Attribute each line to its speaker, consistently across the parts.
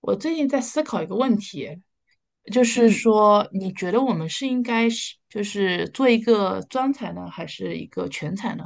Speaker 1: 我最近在思考一个问题，就是
Speaker 2: 嗯，
Speaker 1: 说，你觉得我们应该是就是做一个专才呢，还是一个全才呢？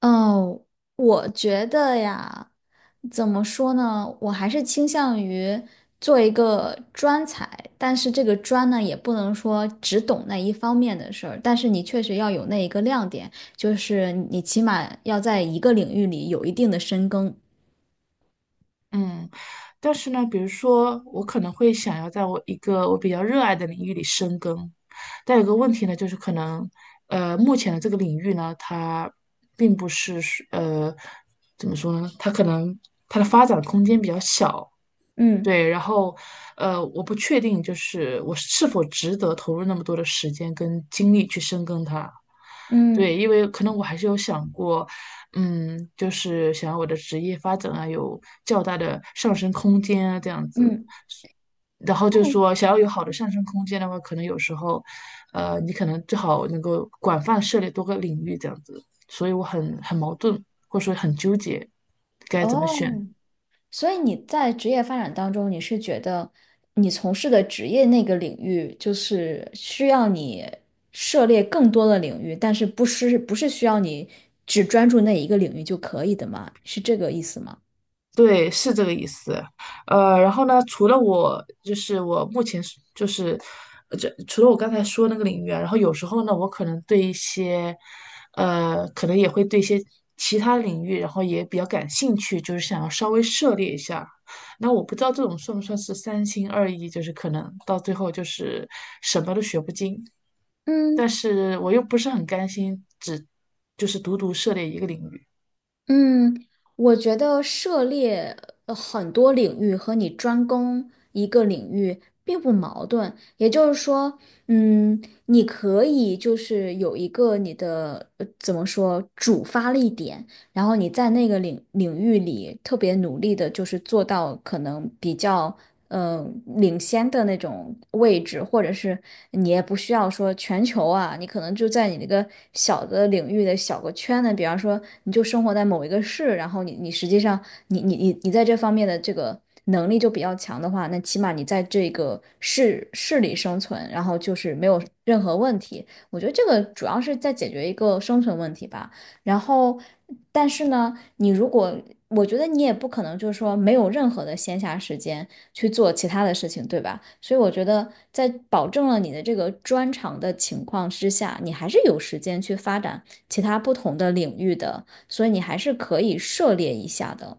Speaker 2: 哦，我觉得呀，怎么说呢？我还是倾向于做一个专才，但是这个专呢，也不能说只懂那一方面的事儿，但是你确实要有那一个亮点，就是你起码要在一个领域里有一定的深耕。
Speaker 1: 嗯，但是呢，比如说，我可能会想要在我一个我比较热爱的领域里深耕，但有个问题呢，就是可能，目前的这个领域呢，它并不是呃，怎么说呢？它可能它的发展空间比较小，
Speaker 2: 嗯
Speaker 1: 对，然后，我不确定，就是我是否值得投入那么多的时间跟精力去深耕它。对，
Speaker 2: 嗯
Speaker 1: 因为可能我还是有想过，嗯，就是想要我的职业发展啊，有较大的上升空间啊，这样子。
Speaker 2: 嗯，
Speaker 1: 然后就说，想要有好的上升空间的话，可能有时候，你可能最好能够广泛涉猎多个领域这样子。所以我很矛盾，或者说很纠结，该怎么选。
Speaker 2: 哦。所以你在职业发展当中，你是觉得你从事的职业那个领域，就是需要你涉猎更多的领域，但是不是需要你只专注那一个领域就可以的吗？是这个意思吗？
Speaker 1: 对，是这个意思。然后呢，除了我，就是我目前是就是，除了我刚才说那个领域啊，然后有时候呢，我可能对一些，可能也会对一些其他领域，然后也比较感兴趣，就是想要稍微涉猎一下。那我不知道这种算不算是三心二意，就是可能到最后就是什么都学不精，
Speaker 2: 嗯。
Speaker 1: 但是我又不是很甘心只就是独独涉猎一个领域。
Speaker 2: 嗯，我觉得涉猎很多领域和你专攻一个领域并不矛盾，也就是说，嗯，你可以就是有一个你的怎么说主发力点，然后你在那个领域里特别努力的，就是做到可能比较。嗯，领先的那种位置，或者是你也不需要说全球啊，你可能就在你那个小的领域的小个圈子，比方说你就生活在某一个市，然后你你实际上你在这方面的这个能力就比较强的话，那起码你在这个市里生存，然后就是没有任何问题。我觉得这个主要是在解决一个生存问题吧。然后，但是呢，你如果我觉得你也不可能就是说没有任何的闲暇时间去做其他的事情，对吧？所以我觉得在保证了你的这个专长的情况之下，你还是有时间去发展其他不同的领域的，所以你还是可以涉猎一下的。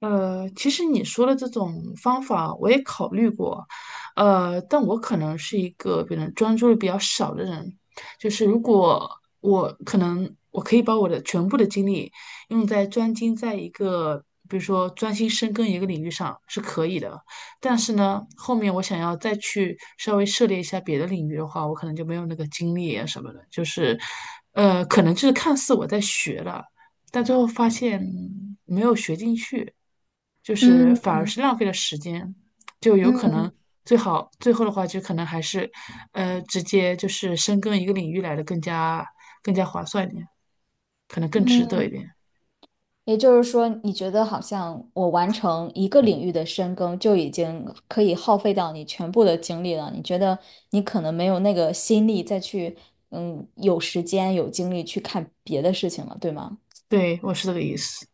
Speaker 1: 其实你说的这种方法我也考虑过，但我可能是一个别人专注力比较少的人，就是如果我可以把我的全部的精力用在专精在一个，比如说专心深耕一个领域上是可以的，但是呢，后面我想要再去稍微涉猎一下别的领域的话，我可能就没有那个精力啊什么的，就是，可能就是看似我在学了。但最后发现没有学进去，就是反
Speaker 2: 嗯
Speaker 1: 而是浪费了时间，就有可
Speaker 2: 嗯
Speaker 1: 能最好最后的话就可能还是，直接就是深耕一个领域来的更加划算一点，可能更值得一
Speaker 2: 嗯。
Speaker 1: 点。
Speaker 2: 也就是说，你觉得好像我完成一个领域的深耕，就已经可以耗费掉你全部的精力了。你觉得你可能没有那个心力再去，有时间有精力去看别的事情了，对吗？
Speaker 1: 对，我是这个意思。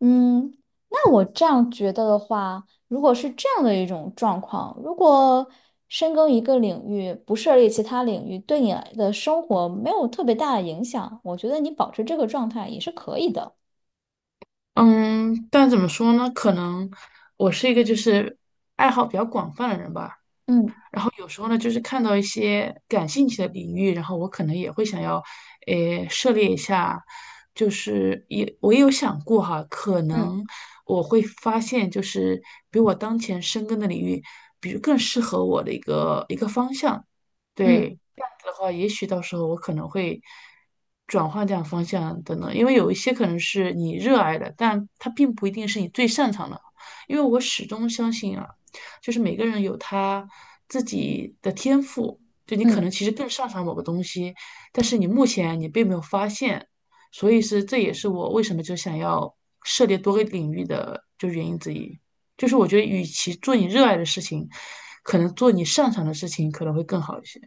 Speaker 2: 嗯，那我这样觉得的话，如果是这样的一种状况，如果深耕一个领域，不涉猎其他领域，对你的生活没有特别大的影响，我觉得你保持这个状态也是可以的。
Speaker 1: 嗯，但怎么说呢？可能我是一个就是爱好比较广泛的人吧，
Speaker 2: 嗯
Speaker 1: 然后有时候呢，就是看到一些感兴趣的领域，然后我可能也会想要，诶，涉猎一下。就是我也有想过哈，可
Speaker 2: 嗯
Speaker 1: 能我会发现，就是比我当前深耕的领域，比如更适合我的一个方向。对，
Speaker 2: 嗯
Speaker 1: 这样子的话，也许到时候我可能会转换这样方向等等，因为有一些可能是你热爱的，但它并不一定是你最擅长的。因为我始终相信啊。就是每个人有他自己的天赋，就你可能
Speaker 2: 嗯。
Speaker 1: 其实更擅长某个东西，但是你目前你并没有发现，所以是这也是我为什么就想要涉猎多个领域的就原因之一，就是我觉得与其做你热爱的事情，可能做你擅长的事情可能会更好一些。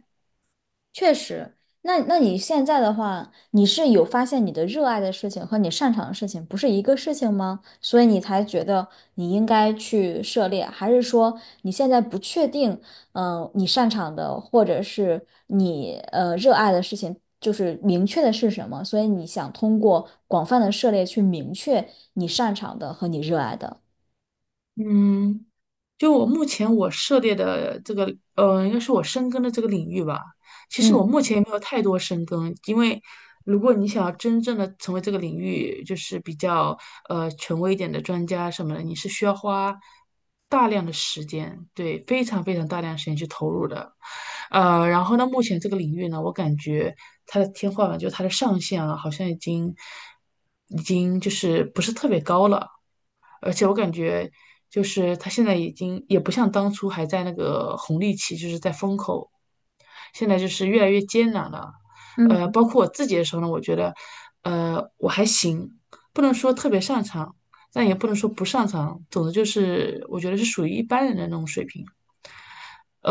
Speaker 2: 确实，那你现在的话，你是有发现你的热爱的事情和你擅长的事情不是一个事情吗？所以你才觉得你应该去涉猎，还是说你现在不确定，你擅长的或者是你热爱的事情就是明确的是什么？所以你想通过广泛的涉猎去明确你擅长的和你热爱的。
Speaker 1: 嗯，就我目前我涉猎的这个，应该是我深耕的这个领域吧。其实我
Speaker 2: 嗯。
Speaker 1: 目前也没有太多深耕，因为如果你想要真正的成为这个领域就是比较权威一点的专家什么的，你是需要花大量的时间，对，非常非常大量的时间去投入的。然后呢，目前这个领域呢，我感觉它的天花板，就是它的上限啊，好像已经就是不是特别高了。而且我感觉就是他现在已经也不像当初还在那个红利期，就是在风口，现在就是越来越艰难了。
Speaker 2: 嗯
Speaker 1: 包括我自己的时候呢，我觉得，我还行，不能说特别擅长，但也不能说不擅长，总之就是我觉得是属于一般人的那种水平。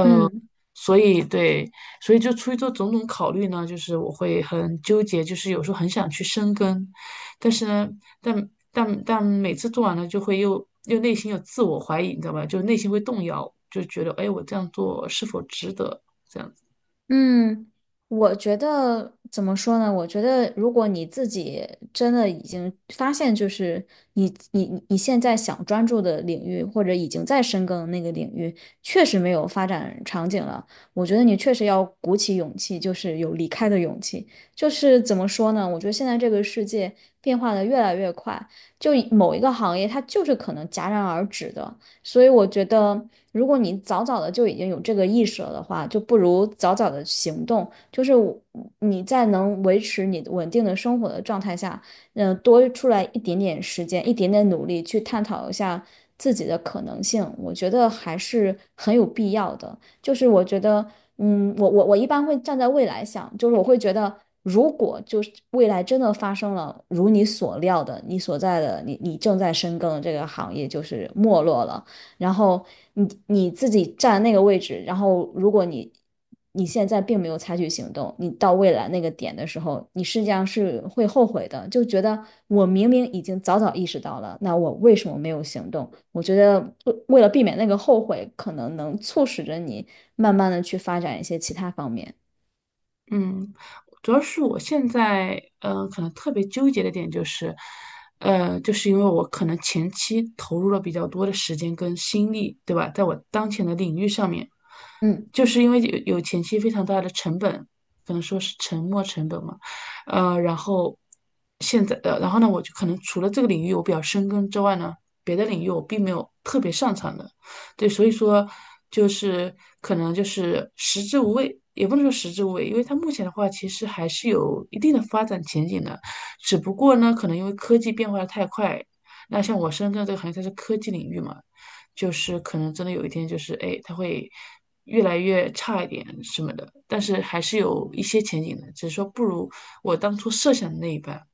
Speaker 2: 嗯。
Speaker 1: 所以对，所以就出于这种种考虑呢，就是我会很纠结，就是有时候很想去深耕，但是呢，但每次做完了就会又内心有自我怀疑，你知道吧？就内心会动摇，就觉得哎，我这样做是否值得？这样子，
Speaker 2: 嗯，我觉得怎么说呢？我觉得如果你自己真的已经发现，就是你现在想专注的领域，或者已经在深耕的那个领域，确实没有发展场景了，我觉得你确实要鼓起勇气，就是有离开的勇气。就是怎么说呢？我觉得现在这个世界变化的越来越快，就某一个行业它就是可能戛然而止的，所以我觉得。如果你早早的就已经有这个意识了的话，就不如早早的行动。就是你在能维持你稳定的生活的状态下，多出来一点点时间，一点点努力去探讨一下自己的可能性，我觉得还是很有必要的。就是我觉得，我一般会站在未来想，就是我会觉得。如果就是未来真的发生了如你所料的，你所在的你你正在深耕的这个行业就是没落了，然后你自己站那个位置，然后如果你现在并没有采取行动，你到未来那个点的时候，你实际上是会后悔的，就觉得我明明已经早早意识到了，那我为什么没有行动？我觉得为了避免那个后悔，可能能促使着你慢慢的去发展一些其他方面。
Speaker 1: 嗯。主要是我现在，可能特别纠结的点就是，就是因为我可能前期投入了比较多的时间跟心力，对吧？在我当前的领域上面，
Speaker 2: 嗯。
Speaker 1: 就是因为有前期非常大的成本，可能说是沉没成本嘛，然后现在，然后呢，我就可能除了这个领域我比较深耕之外呢，别的领域我并没有特别擅长的。对，所以说就是可能就是食之无味，也不能说食之无味，因为它目前的话其实还是有一定的发展前景的，只不过呢，可能因为科技变化的太快，那像我深圳这个行业它是科技领域嘛，就是可能真的有一天就是哎，它会越来越差一点什么的，但是还是有一些前景的，只是说不如我当初设想的那一半。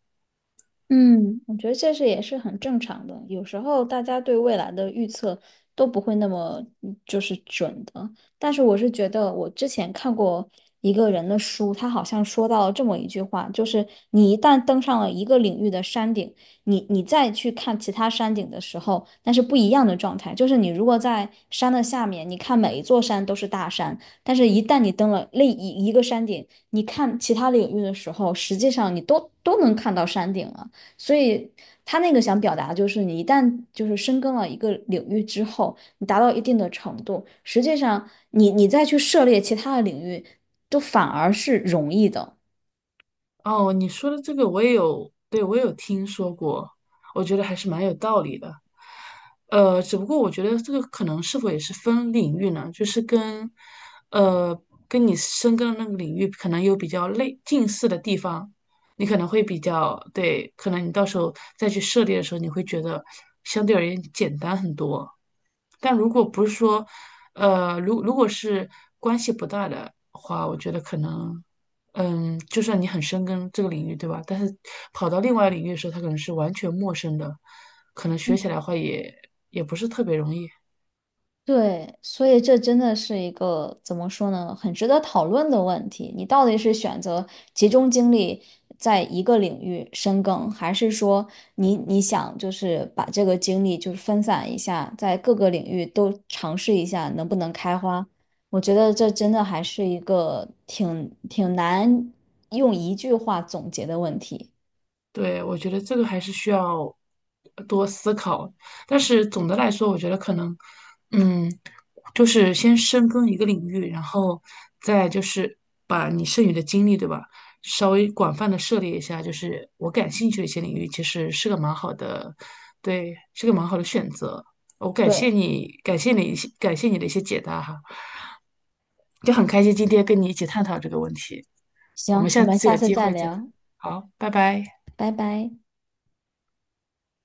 Speaker 2: 嗯，我觉得这是也是很正常的。有时候大家对未来的预测都不会那么就是准的。但是我是觉得，我之前看过一个人的书，他好像说到了这么一句话，就是你一旦登上了一个领域的山顶，你再去看其他山顶的时候，那是不一样的状态。就是你如果在山的下面，你看每一座山都是大山，但是一旦你登了另一个山顶，你看其他领域的时候，实际上你都能看到山顶了。所以他那个想表达的就是，你一旦就是深耕了一个领域之后，你达到一定的程度，实际上你再去涉猎其他的领域，都反而是容易的。
Speaker 1: 哦，你说的这个我也有，对，我也有听说过，我觉得还是蛮有道理的。只不过我觉得这个可能是否也是分领域呢，就是跟，呃，跟你深耕的那个领域可能有比较类近似的地方，你可能会比较，对，可能你到时候再去涉猎的时候，你会觉得相对而言简单很多。但如果不是说，如果是关系不大的话，我觉得可能嗯，就算你很深耕这个领域，对吧？但是跑到另外领域的时候，它可能是完全陌生的，可能学起来的话也不是特别容易。
Speaker 2: 对，所以这真的是一个怎么说呢，很值得讨论的问题。你到底是选择集中精力在一个领域深耕，还是说你你想就是把这个精力就是分散一下，在各个领域都尝试一下能不能开花？我觉得这真的还是一个挺难用一句话总结的问题。
Speaker 1: 对，我觉得这个还是需要多思考。但是总的来说，我觉得可能，嗯，就是先深耕一个领域，然后再就是把你剩余的精力，对吧？稍微广泛的涉猎一下，就是我感兴趣的一些领域，其实是个蛮好的，对，是个蛮好的选择。我感谢
Speaker 2: 对，
Speaker 1: 你，感谢你一些感谢你的一些解答哈，就很开心今天跟你一起探讨这个问题。我们
Speaker 2: 行，我
Speaker 1: 下
Speaker 2: 们
Speaker 1: 次有
Speaker 2: 下次
Speaker 1: 机
Speaker 2: 再
Speaker 1: 会再，
Speaker 2: 聊，
Speaker 1: 好，拜拜。
Speaker 2: 拜拜。